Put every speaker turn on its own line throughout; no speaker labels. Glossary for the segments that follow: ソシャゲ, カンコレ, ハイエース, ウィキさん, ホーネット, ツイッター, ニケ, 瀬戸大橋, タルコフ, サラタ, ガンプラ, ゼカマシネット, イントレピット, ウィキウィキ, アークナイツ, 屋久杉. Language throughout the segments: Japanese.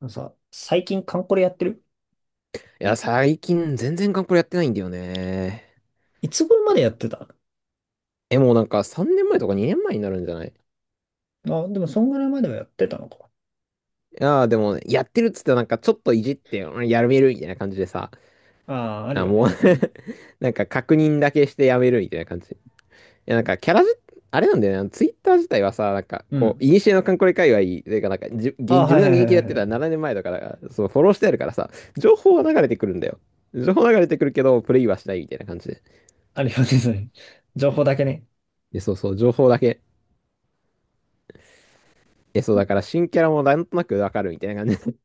あのさ、最近カンコレやってる？
いや、最近全然ガンプラやってないんだよね。
いつ頃までやってた？
え、もうなんか3年前とか2年前になるんじゃない？
あ、でもそんぐらいまではやってたのか。
いやー、でも、やってるっつってなんかちょっといじって、うん、やめるみたいな感じでさ、
ああ、ある
あ、
よ
もう
ね。それね。
なんか確認だけしてやめるみたいな感じ。いや、なんかキャラじ、あれなんだよね、ツイッター自体はさ、なんか
う
こ
ん。
う、いにしえのカンコレ界隈、というかなんかじゅ、
あ
現
あ、
自
は
分
い
が
はい
現
はい
役でや
は
っ
い
て
は
た
い。
ら7年前だから、そう、フォローしてあるからさ、情報は流れてくるんだよ。情報流れてくるけど、プレイはしないみたいな感じで。
あるよね、それ。情報だけね。
で、そうそう、情報だけ。え、そう、だか
う
ら新キャラもなんとなくわかるみたいな感じ。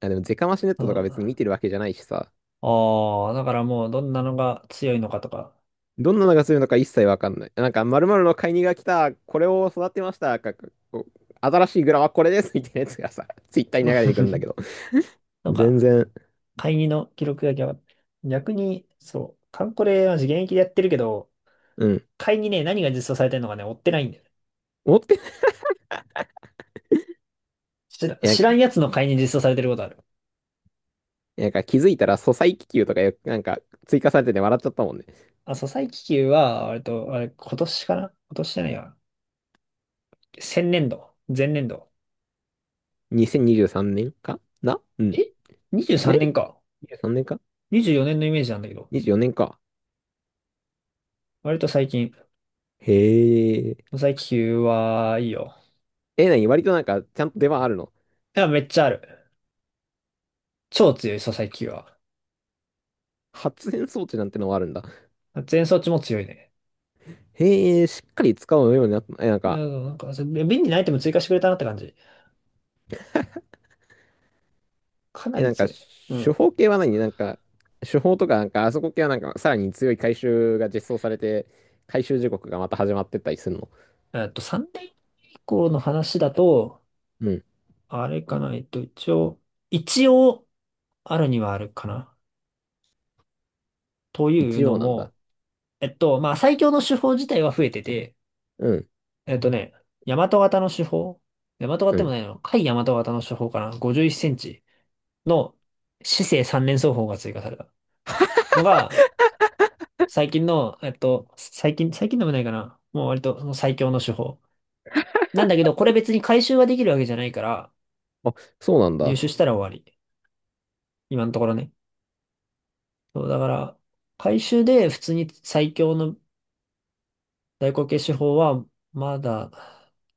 あ、でも、ゼカマシネッ
ん。
トとか別に見
あ
てるわけじゃないしさ。
あ、だからもうどんなのが強いのかとか。
どんなのがするのか一切わかんない。なんか、〇〇の買いにが来た、これを育てました、こう新しいグラはこれです、みたいなやつがさ、ツイッターに流れてくるんだけ ど。
なん
全
か、
然、
会議の記録だけは、逆に、そう、カンコレは現役でやってるけど、
うん。
会議ね、何が実装されてるのかね、追ってないんだよね。
持ってない。なん
知ら
か、
んやつの会議に実装されてることある。
なんか、気づいたら、素材気球とかよ、なんか、追加されてて笑っちゃったもんね。
あ、そう最気球は、割と、あれ、今年かな。今年じゃないや。先年度。前年度。
2023年かな、うん。
え？
ね
23 年か。
?23 年か
24年のイメージなんだけど。
?24 年か。
割と最近、
へえ。
最気球は、いいよ。
え、なに、割となんか、ちゃんと出番あるの？
いや、めっちゃある。超強い、そう最気球は。
発電装置なんてのもあるんだ。
全装置も強いね。
へえ、しっかり使うようになった。え、なん
う
か、
ん、なんか、そう便利なアイテム追加してくれたなって感じ。かな
え、な
り
んか、
強い。う
処
ん。
方系は何なんか、処方とか、なんか、あそこ系はなんか、さらに強い回収が実装されて、回収時刻がまた始まってったりするの？
3年以降の話だと、
うん。
あれかな、一応、あるにはあるかな。という
一
の
応なん
も、
だ。
まあ、最強の手法自体は増えてて、
うん。
えっとね、大和型の手法、大和型
う
でも
ん。
ないの甲斐大和型の手法かな？ 51 センチの姿勢三連奏法が追加されたのが、最近の、最近、最近でもないかな。もう割とその最強の手法。なんだけど、これ別に回収ができるわけじゃないから、
あ、そうなん
入
だ。
手したら終わり。今のところね。そう、だから、回収で普通に最強の大口径手法は、まだ、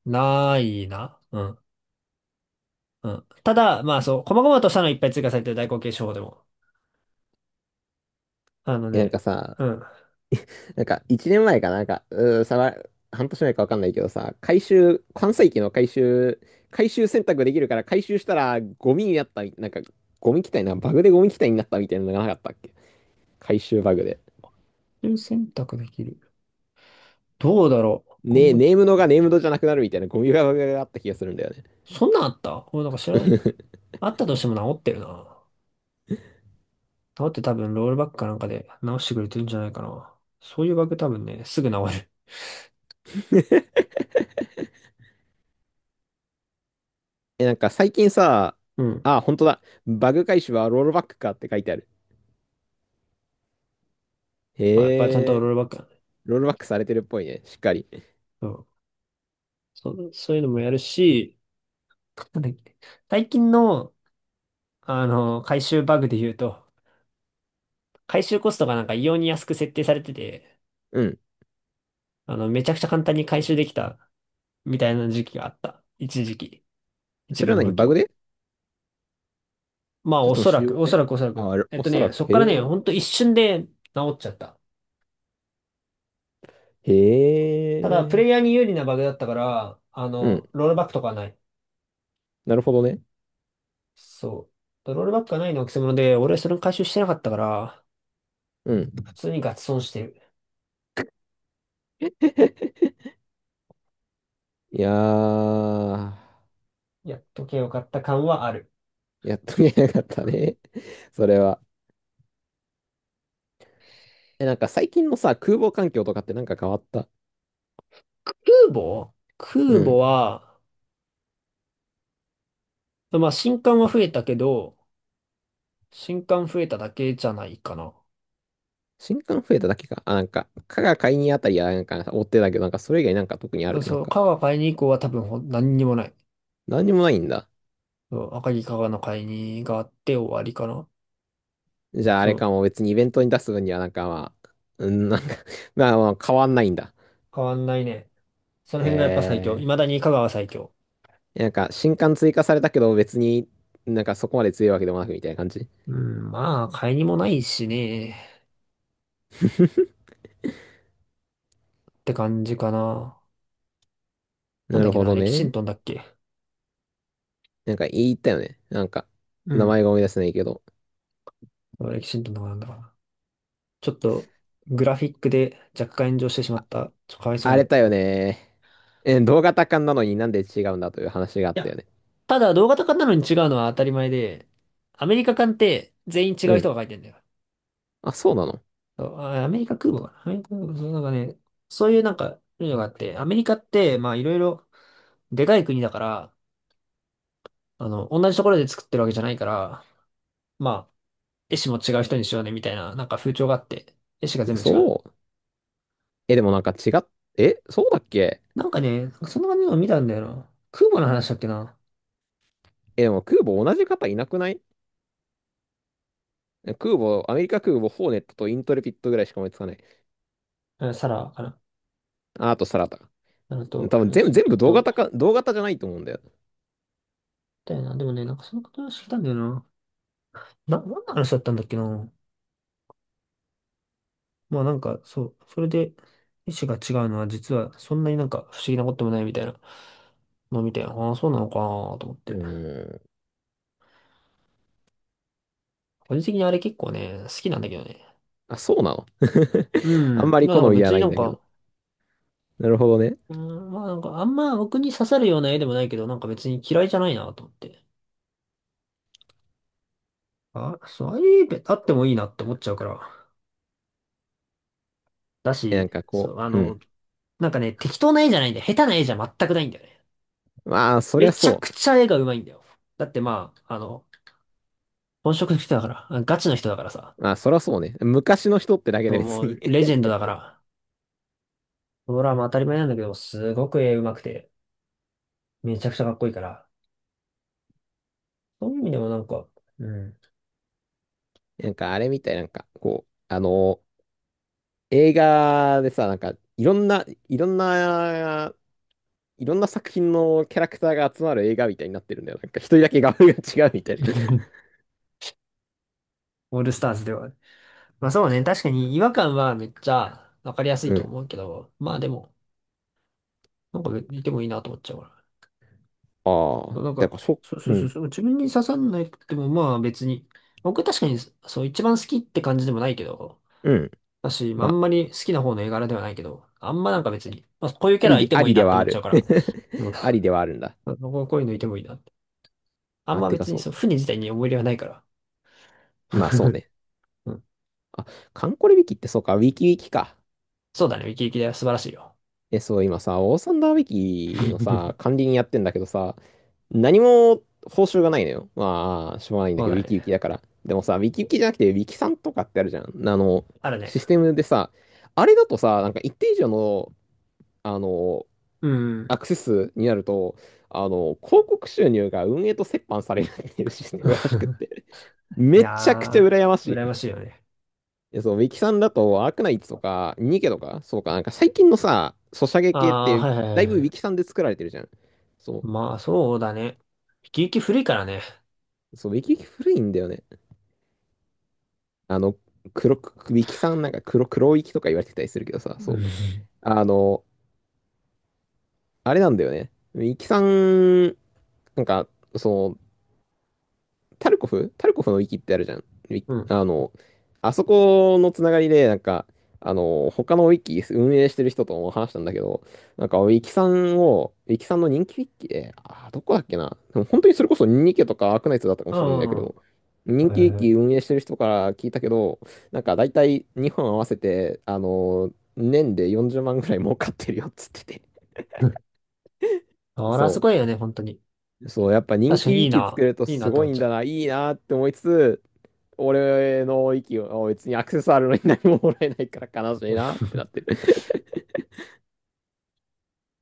ないな。うん。うん。ただ、まあそう、細々としたのいっぱい追加されてる代行形手法でも。あの
え、なん
ね、
かさ、
うん。途
なんか、一年前かな、なんか、うー、さわ、半年前かわかんないけどさ、回収、関西機の回収、回収選択できるから、回収したら、ゴミになったみ、なんか、ゴミ機体な、バグでゴミ機体になったみたいなのがなかったっけ？回収バグで。
中選択できる。どうだろう。コン
ね、
ボと、
ネームドがネームドじゃなくなるみたいなゴミがあった気がするんだよね。
そんなんあった？俺なんか知らない。あったとしても治ってるな。治って多分ロールバックかなんかで直してくれてるんじゃないかな。そういうバグ多分ね、すぐ治る。
え、なんか最近さ、
うん。
あ、本当だ。バグ回収はロールバックかって書いてある。
まあ、やっぱりちゃん
へ
と
え、
ロールバックだね。
ロールバックされてるっぽいね。しっかり。
うん。そう、そういうのもやるし、なんだっけ、最近の、あの、回収バグで言うと、回収コストがなんか異様に安く設定されてて、
うん。
あの、めちゃくちゃ簡単に回収できたみたいな時期があった。一時期。一
それ
部
は
の
何
武器
バグ
を。
で？
まあ、
それ
お
とも
そ
仕
ら
様
く、おそ
で？
らくおそら
あ、
く。
おそらく。
そっ
へ
からね、
え、
ほんと一瞬で治っちゃった。
へ
ただ、プレイヤー
え。
に有利なバグだったから、あ
うん。
の、ロールバックとかはない。
なるほどね。
そう。ロールバックがないのはくせ者で、俺はそれを回収してなかったから、
う
普
ん。
通にガチ損してる。
いやー、
やっとけよかった感はある。
やっと見えなかったね。それは。え、なんか最近のさ、空母環境とかってなんか変わった？
空母空
うん。
母は、まあ、新刊は増えたけど、新刊増えただけじゃないかな。
新刊増えただけか。あ、なんか、加賀買いにあたりはなんか追ってたけど、なんかそれ以外なんか特にある？なん
そう、
か、
川が買いに行こうは多分ほん何にもない。
何にもないんだ。
そう、赤城香川の会にがあって終わりかな。
じゃああ
そ
れ
う、
かも別にイベントに出す分にはなんかまあ、うん、なんか まあまあ変わんないんだ。
変わんないね。その
へ
辺がやっぱ最強。未だに香川最強。
え。なんか新刊追加されたけど別になんかそこまで強いわけでもなくみたいな感じ。
うん、まあ、買いにもないしね。って感じかな。なん
な
だっ
る
け
ほ
な、
ど
レキシン
ね。
トンだっけ。
なんか言ったよね。なんか、
う
名前
ん。
が思い出せないけど。
レキシントンとかなんだかな。ちょっと、グラフィックで若干炎上してしまった。ちょっとかわいそう
あ
な
れ
やつ。
だ
い
よね。え、動画多感なのになんで違うんだという話があったよ
や、
ね。
ただ動画とかなのに違うのは当たり前で、アメリカ館って全員違
う
う
ん。
人が書いてんだよ。
あ、そうなの。
そうあアメリカ空母かな。アメリカ空母、そうなんかね、そういうなんか、いうのがあって、アメリカって、まあいろいろ、でかい国だから、あの、同じところで作ってるわけじゃないから、まあ、絵師も違う人にしようね、みたいな、なんか風潮があって、絵師が全部違う。
嘘。え、でもなんかえ、そうだっけ？
なんかね、そんな感じのを見たんだよな。空母の話だっけな。
え、でも空母同じ方いなくない？空母、アメリカ空母、ホーネットとイントレピットぐらいしか思いつかない。
うん、サラかな。
あ、あとサラタ。
あのと、
多分
エキ
全部、
シン
全
ト
部
ン
同
と、み
型か、同型じゃないと思うんだよ。
たいな。でもね、なんかそのこと話聞いたんだよな。何の話だったんだっけな。まあなんか、そう、それで、意思が違うのは実はそんなになんか不思議なこともないみたいなのを見て、ああ、そうなのかなと思っ
う
て。
ーん。
個人的にあれ結構ね、好きなんだけどね。
あ、そうなの
う
あん
ん。
まり
まあ
好
なんか
みは
別に
な
な
いん
ん
だけど。
か、
なるほどね。
うん、まあなんかあんま僕に刺さるような絵でもないけど、なんか別に嫌いじゃないなと思って。あ、そう、ああいう絵あってもいいなって思っちゃうから。だ
え、なん
し、
か
そ
こ
う、あ
う、う
の、
ん。
なんかね、適当な絵じゃないんだよ。下手な絵じゃ全くないんだよね。
まあ、そり
め
ゃ
ちゃ
そ
くちゃ絵が上手いんだよ。だってまあ、あの、本職の人だから、ガチの人だからさ。
う。まあ、そりゃそうね。昔の人ってだけ
そう、
で
も
別に
う、レジ ェンドだから。ドラマ当たり前なんだけど、すごく絵上手くて、めちゃくちゃかっこいいから。そういう意味でもなんか、うん。
なんかあれみたい、なんかこう、あの映画でさ、なんか、いろんな作品のキャラクターが集まる映画みたいになってるんだよ。なんか一人だけ画風が違うみたいな。
オールスターズでは。まあそうね、確かに違和感はめっちゃわかりやす い
う
と
ん。
思うけど、まあでも、なんかいてもいいなと思っちゃうか
あ
ら。
あ、
なん
だ
か、
からそ、
そうそ
う
うそう、
ん、
そう自分に刺さんないってもまあ別に、僕確かにそう一番好きって感じでもないけど、
うん。
だし、まあ
まあ、
んまり好きな方の絵柄ではないけど、あんまなんか別に、まあ、こういうキ
あ
ャ
り
ラい
で、
て
あ
もい
り
いな
で
って
はあ
思っちゃう
る。
から、うん、
ありではあるんだ。
こういうのいてもいいなって。あん
あ、
ま
てか
別に
そう
そ
か。
の船自体に思い入れはないから。
まあそうね。
うん。
あ、カンコレウィキってそうか、ウィキウィキか。
そうだね。ウキウキだよ。素晴らしいよ。
え、そう、今さ、オーサンダーウィキの さ、管理人やってんだけどさ、何も報酬がないのよ。まあ、しょうがないんだ
そう
けど、ウ
だ
ィキ
ね。
ウィキだから。でもさ、ウィキウィキじゃなくて、ウィキさんとかってあるじゃん。あの、
あるね。
システムでさ、あれだとさ、なんか一定以上の、あの、
うん。
アクセスになると、あの、広告収入が運営と折半されるっていうシステムらしくっ て、
い
めちゃくちゃ
や
羨まし
ー、羨
い。い
ましいよね。
や、そう、ウィキさんだと、アークナイツとか、ニケとか、そうか、なんか最近のさ、ソシャゲ系っ
あー、
て、
はいは
だ
い
い
はい
ぶウ
は
ィ
い。
キさんで作られてるじゃん。そ
まあ、そうだね。ウキウキ古いからね。
う、そう、ウィキ古いんだよね。あの、黒く、ウィキさんなんか黒ウィキとか言われてたりするけどさ、
う
そ
ん。
う、あの、あれなんだよね。ウィキさん、なんか、その、タルコフのウィキってあるじゃん。
うん。
あの、あそこのつながりで、なんか、あの、他のウィキ運営してる人とも話したんだけど、なんか、ウィキさんの人気ウィキで、あどこだっけな。でも本当にそれこそニニケとかアークナイツだったかも
う
しれないんだ
んう
け
んうん。
ど、人
はい
気ウ
は
ィ
いは
キ運
い。
営してる人から聞いたけど、なんか大体日本合わせて、あの、年で40万ぐらい儲かってるよっつってて。
うん、あら、す
そ
ごいよね、本当に。
う。そう、やっぱ人
確か
気ウ
にい
ィ
い
キ作
な。
ると
いい
す
なと
ご
思っ
いん
ちゃ
だ
う。
な、いいなって思いつつ、俺の息を別にアクセスあるのに何ももらえないから悲しい
うん。
なってなって る。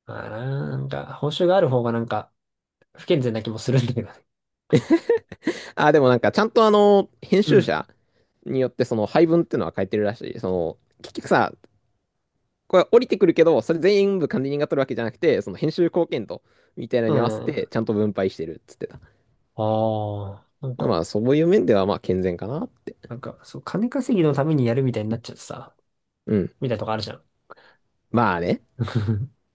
あー、なんか、報酬がある方がなんか、不健全な気もするんだけどね。
あ、でもなんかちゃんとあの、編
う
集
ん。
者によってその配分っていうのは変えてるらしい。その、結局さ、これ降りてくるけど、それ全部管理人が取るわけじゃなくて、その編集貢献度みたいなの
う
に合わせて
ん。
ちゃんと分配してるっつってた。
ああ、なんか、
まあそういう面ではまあ健全かなって。
そう、金稼ぎのためにやるみたいになっちゃってさ、
うん。
みたいなとこあるじゃん。
まあね。